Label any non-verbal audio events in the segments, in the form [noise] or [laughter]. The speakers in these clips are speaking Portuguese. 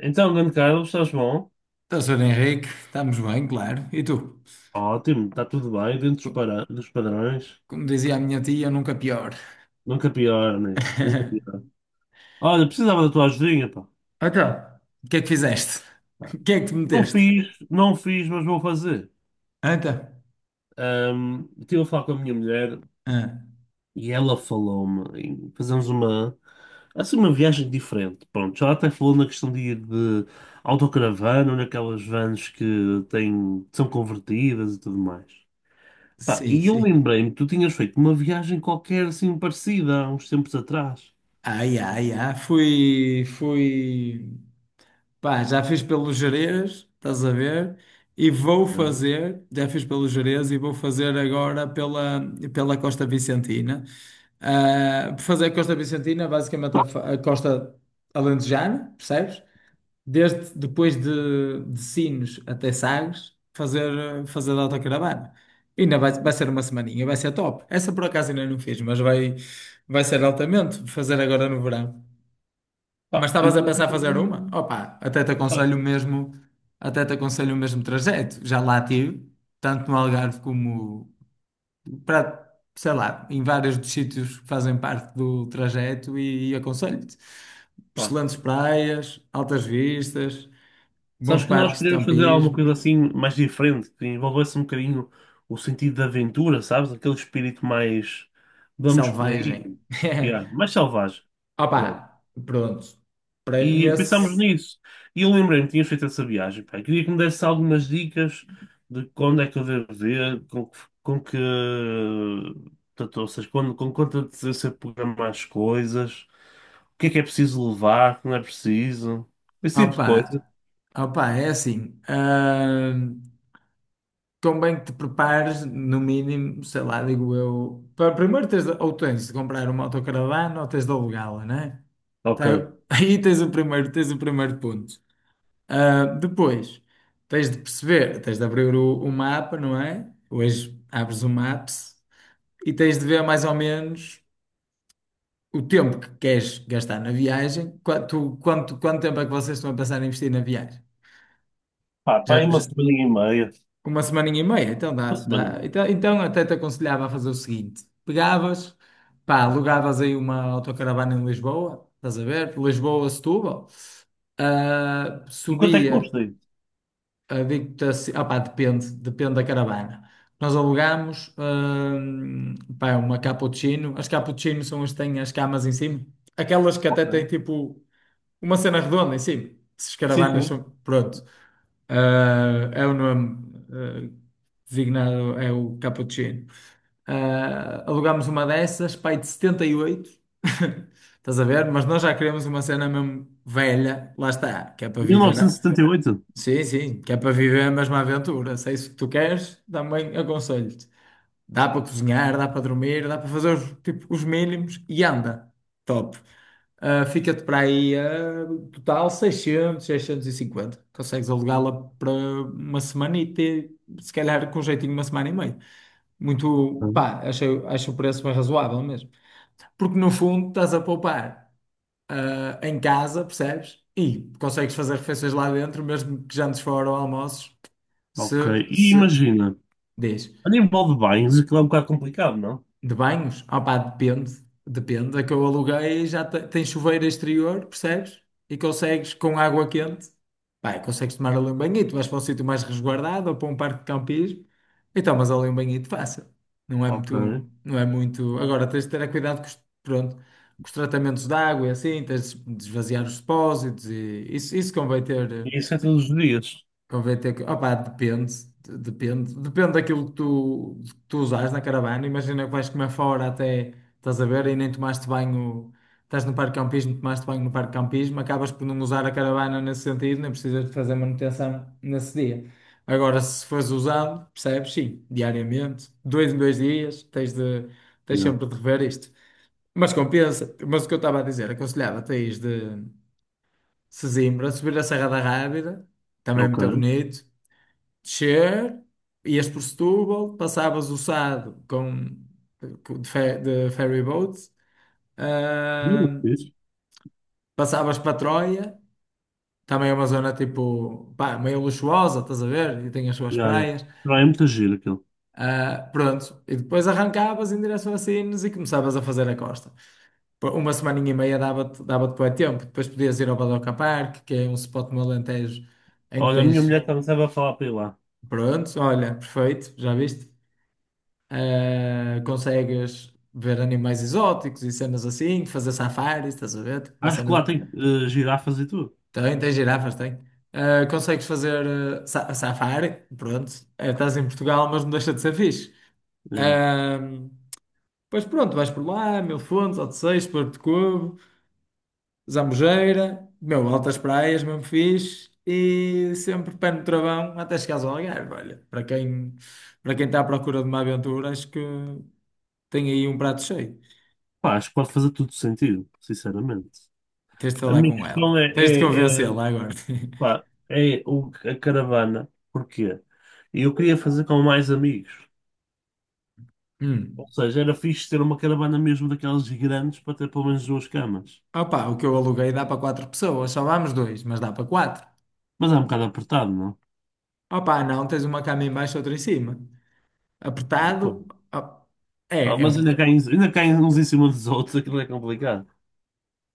Então, grande Carlos, estás bom? Então, Sr. Henrique, estamos bem, claro. E tu? Ótimo, está tudo bem, dentro Co- dos padrões. Como dizia a minha tia, nunca pior. Nunca pior, né? Nunca pior. [laughs] Olha, precisava da tua ajudinha, pá. Então, o que é que fizeste? [laughs] O que é que te Não meteste? fiz, não fiz, mas vou fazer. Então, Estive a falar com a minha mulher ah, e ela falou-me em fazermos assim, uma viagem diferente. Pronto, já até falou na questão de ir de autocaravana, ou naquelas vans que têm, são convertidas e tudo mais. Pá, sim, e eu sim. lembrei-me que tu tinhas feito uma viagem qualquer assim parecida há uns tempos atrás. Ai, ai, ai, fui, pá, já fiz pelos Gerês, estás a ver? E vou Né? fazer, já fiz pelos Gerês e vou fazer agora pela Costa Vicentina. Ah, fazer a Costa Vicentina, basicamente a Costa Alentejana, percebes? Desde depois de Sines até Sagres, fazer de autocaravana. Ainda vai ser uma semaninha, vai ser top. Essa por acaso ainda não fiz, mas vai ser altamente fazer agora no verão. Mas Pá, eu estavas a por pensar acaso, fazer uma? Opa, até te pá, aconselho o mesmo, até te aconselho o mesmo trajeto. Já lá tive, tanto no Algarve como para, sei lá, em vários dos sítios que fazem parte do trajeto e aconselho-te. pá, Excelentes praias, altas vistas, Sabes bons que nós parques de queríamos fazer alguma campismo, coisa assim mais diferente, que envolvesse um bocadinho o sentido da aventura, sabes? Aquele espírito mais vamos por selvagem. aí, [laughs] yeah, mais selvagem. Pronto. Opa, pronto. Para, E pensámos nesse. nisso. E eu lembrei-me que tinhas feito essa viagem, pá. Queria que me desse algumas dicas de quando é que eu devo ver, com, que- com que. Portanto, ou seja, quando, com quanta antecedência programar as coisas, o que é preciso levar, o que não é preciso, esse tipo de coisa. Opa, opa, é assim. Convém que te prepares, no mínimo, sei lá, digo eu. Para, primeiro tens de, ou tens de comprar uma autocaravana ou tens de alugá-la, né? Tá, Ok. [laughs] Aí tens o primeiro ponto. Ah, depois, tens de perceber, tens de abrir o mapa, não é? Hoje abres o Maps e tens de ver mais ou menos o tempo que queres gastar na viagem. Quanto tempo é que vocês estão a pensar em investir na viagem? Pá, pá, aí Já, uma já- semana e meia. uma semaninha e meia, então dá, Uma semana e dá. meia. Então, até te aconselhava a fazer o seguinte: pegavas, pá, alugavas aí uma autocaravana em Lisboa, estás a ver? Lisboa, Setúbal. Ah, E quanto é que subia. custa isso? Ah, digo-te assim, pá, depende da caravana. Nós alugámos, pá, uma cappuccino. As cappuccinos são as que têm as camas em cima. Aquelas que até Ok. têm tipo uma cena redonda em cima. Se Sim, escaravanas sim. são. Pronto. Ah, é o nome designado, é o cappuccino. Ah, alugámos uma dessas, pai de 78. [laughs] Estás a ver? Mas nós já queremos uma cena mesmo velha, lá está, que é para viver. 1978? Sim, sim, que é para viver a mesma aventura. Se é isso que tu queres, também aconselho-te. Dá para cozinhar, dá para dormir, dá para fazer os, tipo, os mínimos e anda. Top. Ah, fica-te para aí, total 600, 650. Consegues alugá-la para uma semana e ter, se calhar, com jeitinho, uma semana e meia. Muito, pá, acho o preço bem razoável mesmo. Porque no fundo estás a poupar, em casa, percebes? E consegues fazer refeições lá dentro, mesmo que jantes fora ou almoços, se, Ok. E se, imagina, diz. a nível de bens, aquilo é um bocado complicado, não? De banhos? Ah pá, depende. Depende. A que eu aluguei já tem chuveiro exterior, percebes? E consegues com água quente. Pá, e consegues tomar ali um banhito. Vais para um sítio mais resguardado ou para um parque de campismo e tomas ali um banhito fácil. Não é Ok. muito. Não é muito. Agora tens de ter cuidado com os, pronto, com os tratamentos de água e assim. Tens de esvaziar os depósitos e isso convém ter. E isso é todos os dias. Convém ter que. Opá, depende, depende. Depende daquilo que tu usares na caravana. Imagina que vais comer fora até estás a ver e nem tomaste banho. Estás no parque de campismo, tomaste banho no parque de campismo, acabas por não usar a caravana nesse sentido, nem precisas de fazer manutenção nesse dia. Agora, se fores usado, percebes? Sim, diariamente, dois em dois dias, tens de, tens Yeah. sempre de rever isto. Mas compensa. Mas o que eu estava a dizer, aconselhava-te a ir de Sesimbra, subir a Serra da Rábida, também é Ok. muito bonito descer, ias por Setúbal, passavas o Sado de ferry boat, Muito ah, fixe. passavas para Troia, também é uma zona tipo, pá, meio luxuosa, estás a ver? E tem as suas Yeah, yeah. praias. Não, é muito giro aquilo. Ah, pronto, e depois arrancavas em direção a Sines e começavas a fazer a costa. Por uma semaninha e meia dava-te bué tempo. Depois podias ir ao Badoca Park, que é um spot no Alentejo em que Olha, a minha tens. mulher também estava a falar para ir lá. Pronto, olha, perfeito, já viste? Consegues ver animais exóticos e cenas assim, fazer safaris, estás a ver? Uma Acho que lá cena. tem girafas e tudo. Tem, girafas, tem. Consegues fazer safari, pronto. Estás em Portugal, mas não deixa de ser fixe. Yeah. Ahm, pois pronto, vais por lá, Mil Fontes, Odeceias, Porto de Covo, Zambujeira, meu, altas praias, mesmo fixe, e sempre pé no travão até chegares ao Algarve. Olha, para quem está à procura de uma aventura, acho que tem aí um prato cheio. Pá, acho que pode fazer tudo sentido, sinceramente. Tens de A falar minha com questão ela. é, Tens de é, é, convencê-la agora. pá, [laughs] é a caravana. Porquê? Eu queria fazer com mais amigos. Hum. Ou seja, era fixe ter uma caravana mesmo daquelas grandes para ter pelo menos duas camas. Opa, o que eu aluguei dá para quatro pessoas, só vamos dois, mas dá para quatro. Mas é um bocado apertado, não? Opa, não, tens uma cama em baixo, outra em cima. Apertado, op- Ah, é mas um boca-. Ainda caem uns em cima dos outros, aquilo é complicado.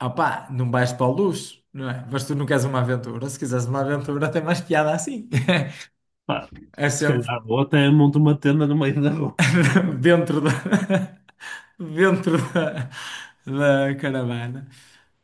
Opa, não vais para o luxo, não é? Mas tu não queres uma aventura. Se quiseres uma aventura, tem mais piada assim. [laughs] Pá, É se sempre calhar ou até monto uma tenda no meio da rua. [laughs] dentro da, [laughs] dentro da caravana.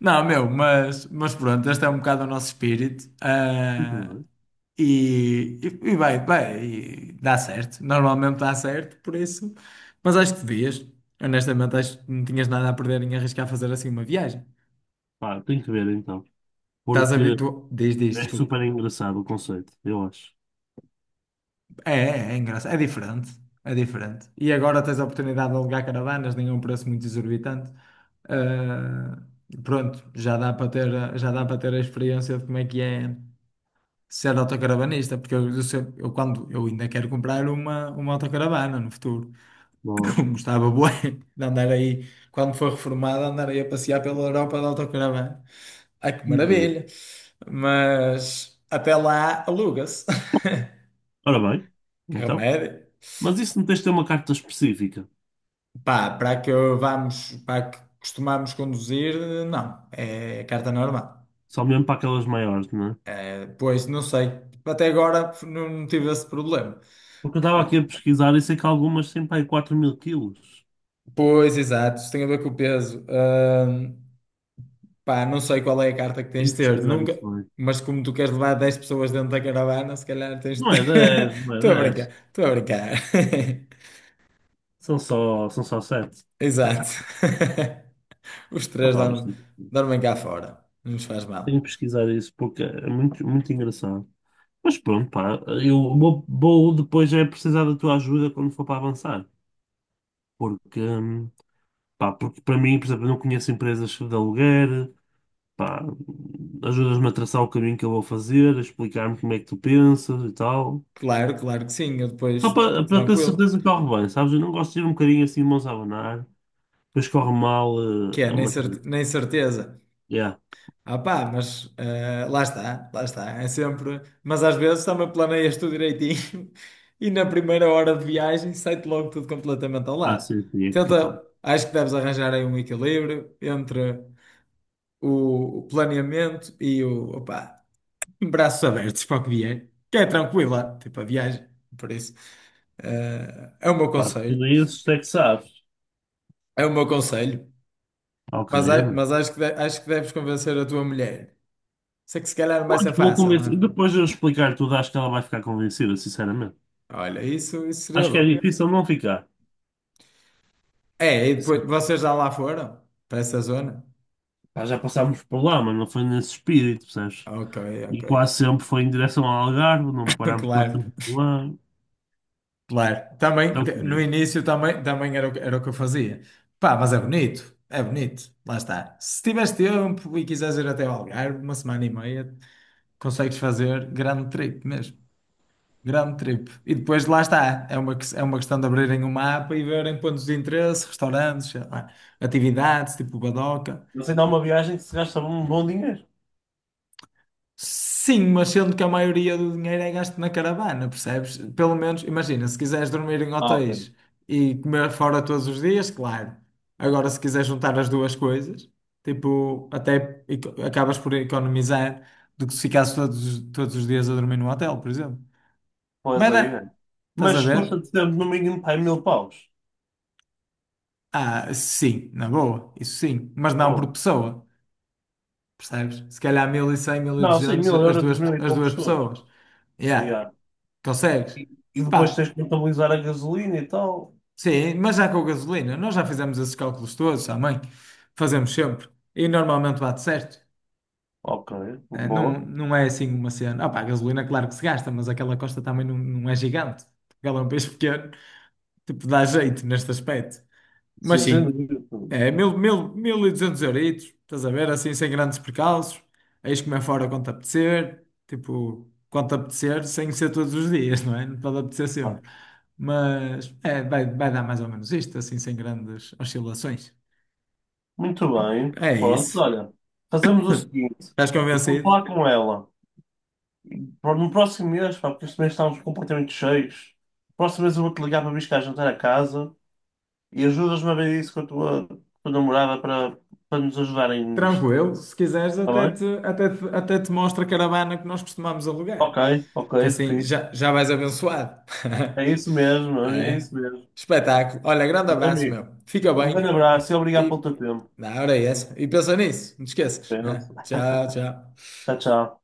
Não, meu, mas pronto, este é um bocado o nosso espírito. E tudo, Ah, né? E, e, e vai, e dá certo. Normalmente dá certo, por isso. Mas acho que devias. Honestamente, acho que não tinhas nada a perder em arriscar fazer assim uma viagem. Pá, tem que ver então. Estás Porque habituado. Diz, diz, é desculpa. super engraçado o conceito, eu acho. É, é, é engraçado. É diferente. É diferente. E agora tens a oportunidade de alugar caravanas, nem a um preço muito exorbitante. Ah, pronto, já dá para ter, já dá para ter a experiência de como é que é ser autocaravanista, porque eu quando eu ainda quero comprar uma autocaravana no futuro. Não. [laughs] Gostava bué de andar aí, quando for reformado, andar aí a passear pela Europa de autocaravana. Ai, que É? Hum. maravilha! Mas até lá aluga-se. [laughs] Ora bem, Que então. remédio. Mas isso não tens de ter uma carta específica. Pá, para que vamos, para que costumamos conduzir, não. É carta normal. Só mesmo para aquelas maiores, não é? É, pois, não sei. Até agora não tive esse problema. Porque eu estava aqui a pesquisar e sei que algumas têm para aí 4 mil quilos. Pois, exato. Isso tem a ver com o peso. Pá, não sei qual é a carta que tens Tenho que de ter, pesquisar isso nunca, bem. mas como tu queres levar 10 pessoas dentro da caravana, se calhar tens Não de. é dez [laughs] não Estou a é brincar, dez estou a brincar. [laughs] são só, são só sete. Exato. [laughs] Os três Opá, mas dormem, dormem cá fora, não nos faz tenho mal. que pesquisar isso porque é muito, muito engraçado. Mas pronto, pá, vou depois é precisar da tua ajuda quando for para avançar. Porque, pá, porque para mim, por exemplo, eu não conheço empresas de aluguer, pá, ajudas-me a traçar o caminho que eu vou fazer, a explicar-me como é que tu pensas e tal. Claro, claro que sim, eu depois, Para ter tranquilo, certeza que corre bem, sabes? Eu não gosto de ir um bocadinho assim, mãos a abanar, depois corre mal, que é, é nem, uma coisa. cer- nem certeza. Yeah. Ah pá, mas lá está, é sempre. Mas às vezes também planeias tudo direitinho [laughs] e na primeira hora de viagem sai-te logo tudo completamente ao Ah, lado. sim, sim, é capaz. Tenta, acho que deves arranjar aí um equilíbrio entre o planeamento e o, opá, braços abertos para o que vier, que é tranquila, tipo a viagem, por isso. eh, é o meu Pá, tudo conselho, isso é que sabes. é o meu conselho, Ok, mas, é a- mesmo. mas acho que, de- acho que deves convencer a tua mulher. Sei que se calhar não Eu vai ser vou fácil, não convencer. E é? depois de eu explicar tudo, acho que ela vai ficar convencida, sinceramente. Olha, isso seria Acho que é bom. difícil não ficar. É, e depois vocês já lá foram? Para essa zona? Pá, já passámos por lá, mas não foi nesse espírito, percebes? Ok, ok. E quase sempre foi em direção ao Algarve, não [laughs] parámos quase Claro, sempre por lá. claro. É Também, o que é. no início também era, era o que eu fazia. Pá, mas é bonito, é bonito. Lá está. Se tiveres tempo e quiseres ir até ao Algarve, uma semana e meia, consegues fazer grande trip mesmo. Grande trip. E depois lá está. É uma questão de abrirem o mapa e verem pontos de interesse, restaurantes, sei lá, atividades, tipo Badoca. Mas ainda há uma viagem que se gasta um bom dinheiro. Sim, mas sendo que a maioria do dinheiro é gasto na caravana, percebes? Pelo menos, imagina, se quiseres dormir em Ah, ok. hotéis e comer fora todos os dias, claro. Agora, se quiseres juntar as duas coisas, tipo, acabas por economizar do que se ficasses todos os dias a dormir num hotel, por exemplo. Pois Mas, aí é. Estás a Mas ver? custa-te sempre no mínimo pá, mil paus. Ah, sim, na boa, isso sim, mas não por Oh. pessoa, percebes? Se calhar 1100, mil e Não, sim, duzentos mil as euros, duas, mil e as duas poucos todos. pessoas. Yeah, Yeah. consegues. E, e depois tens Pá, que contabilizar a gasolina e tal. sim, mas já com gasolina. Nós já fizemos esses cálculos todos, à mãe. Fazemos sempre. E normalmente bate certo. Ok, É, não, boa. não é assim uma cena. Ah, pá, a gasolina, claro que se gasta, mas aquela costa também não, não é gigante. Portugal é um país pequeno. Tipo, dá jeito neste aspecto. Mas Sim, sem sim, dúvida. é 1200 euritos, estás a ver? Assim, sem grandes percalços. Eis comer fora quando te apetecer, tipo, quando te apetecer, sem ser todos os dias, não é? Não pode apetecer sempre. Vai. Mas é, vai dar mais ou menos isto, assim, sem grandes oscilações. Muito bem. É Pronto, isso. olha, fazemos o seguinte. Estás Eu vou convencido? falar com ela. No próximo mês, pá, porque este mês estamos completamente cheios. No próximo mês eu vou-te ligar para vir cá jantar a casa e ajudas-me a ver isso com a tua namorada para nos ajudarem nisto. Tranquilo, se quiseres, Está até te, bem? até te, até te mostro a caravana que nós costumamos alugar. Ok, ok, Que assim fixe. já, já vais abençoado. É [laughs] isso mesmo, é É. isso mesmo. Espetáculo. Olha, grande Tá bem, abraço, amigo. meu. Fica Um bem. grande abraço e obrigado pelo E teu tempo. na hora é essa. E pensa nisso, não te esqueças. Apenas. [laughs] Tchau, tchau. Tchau, tchau.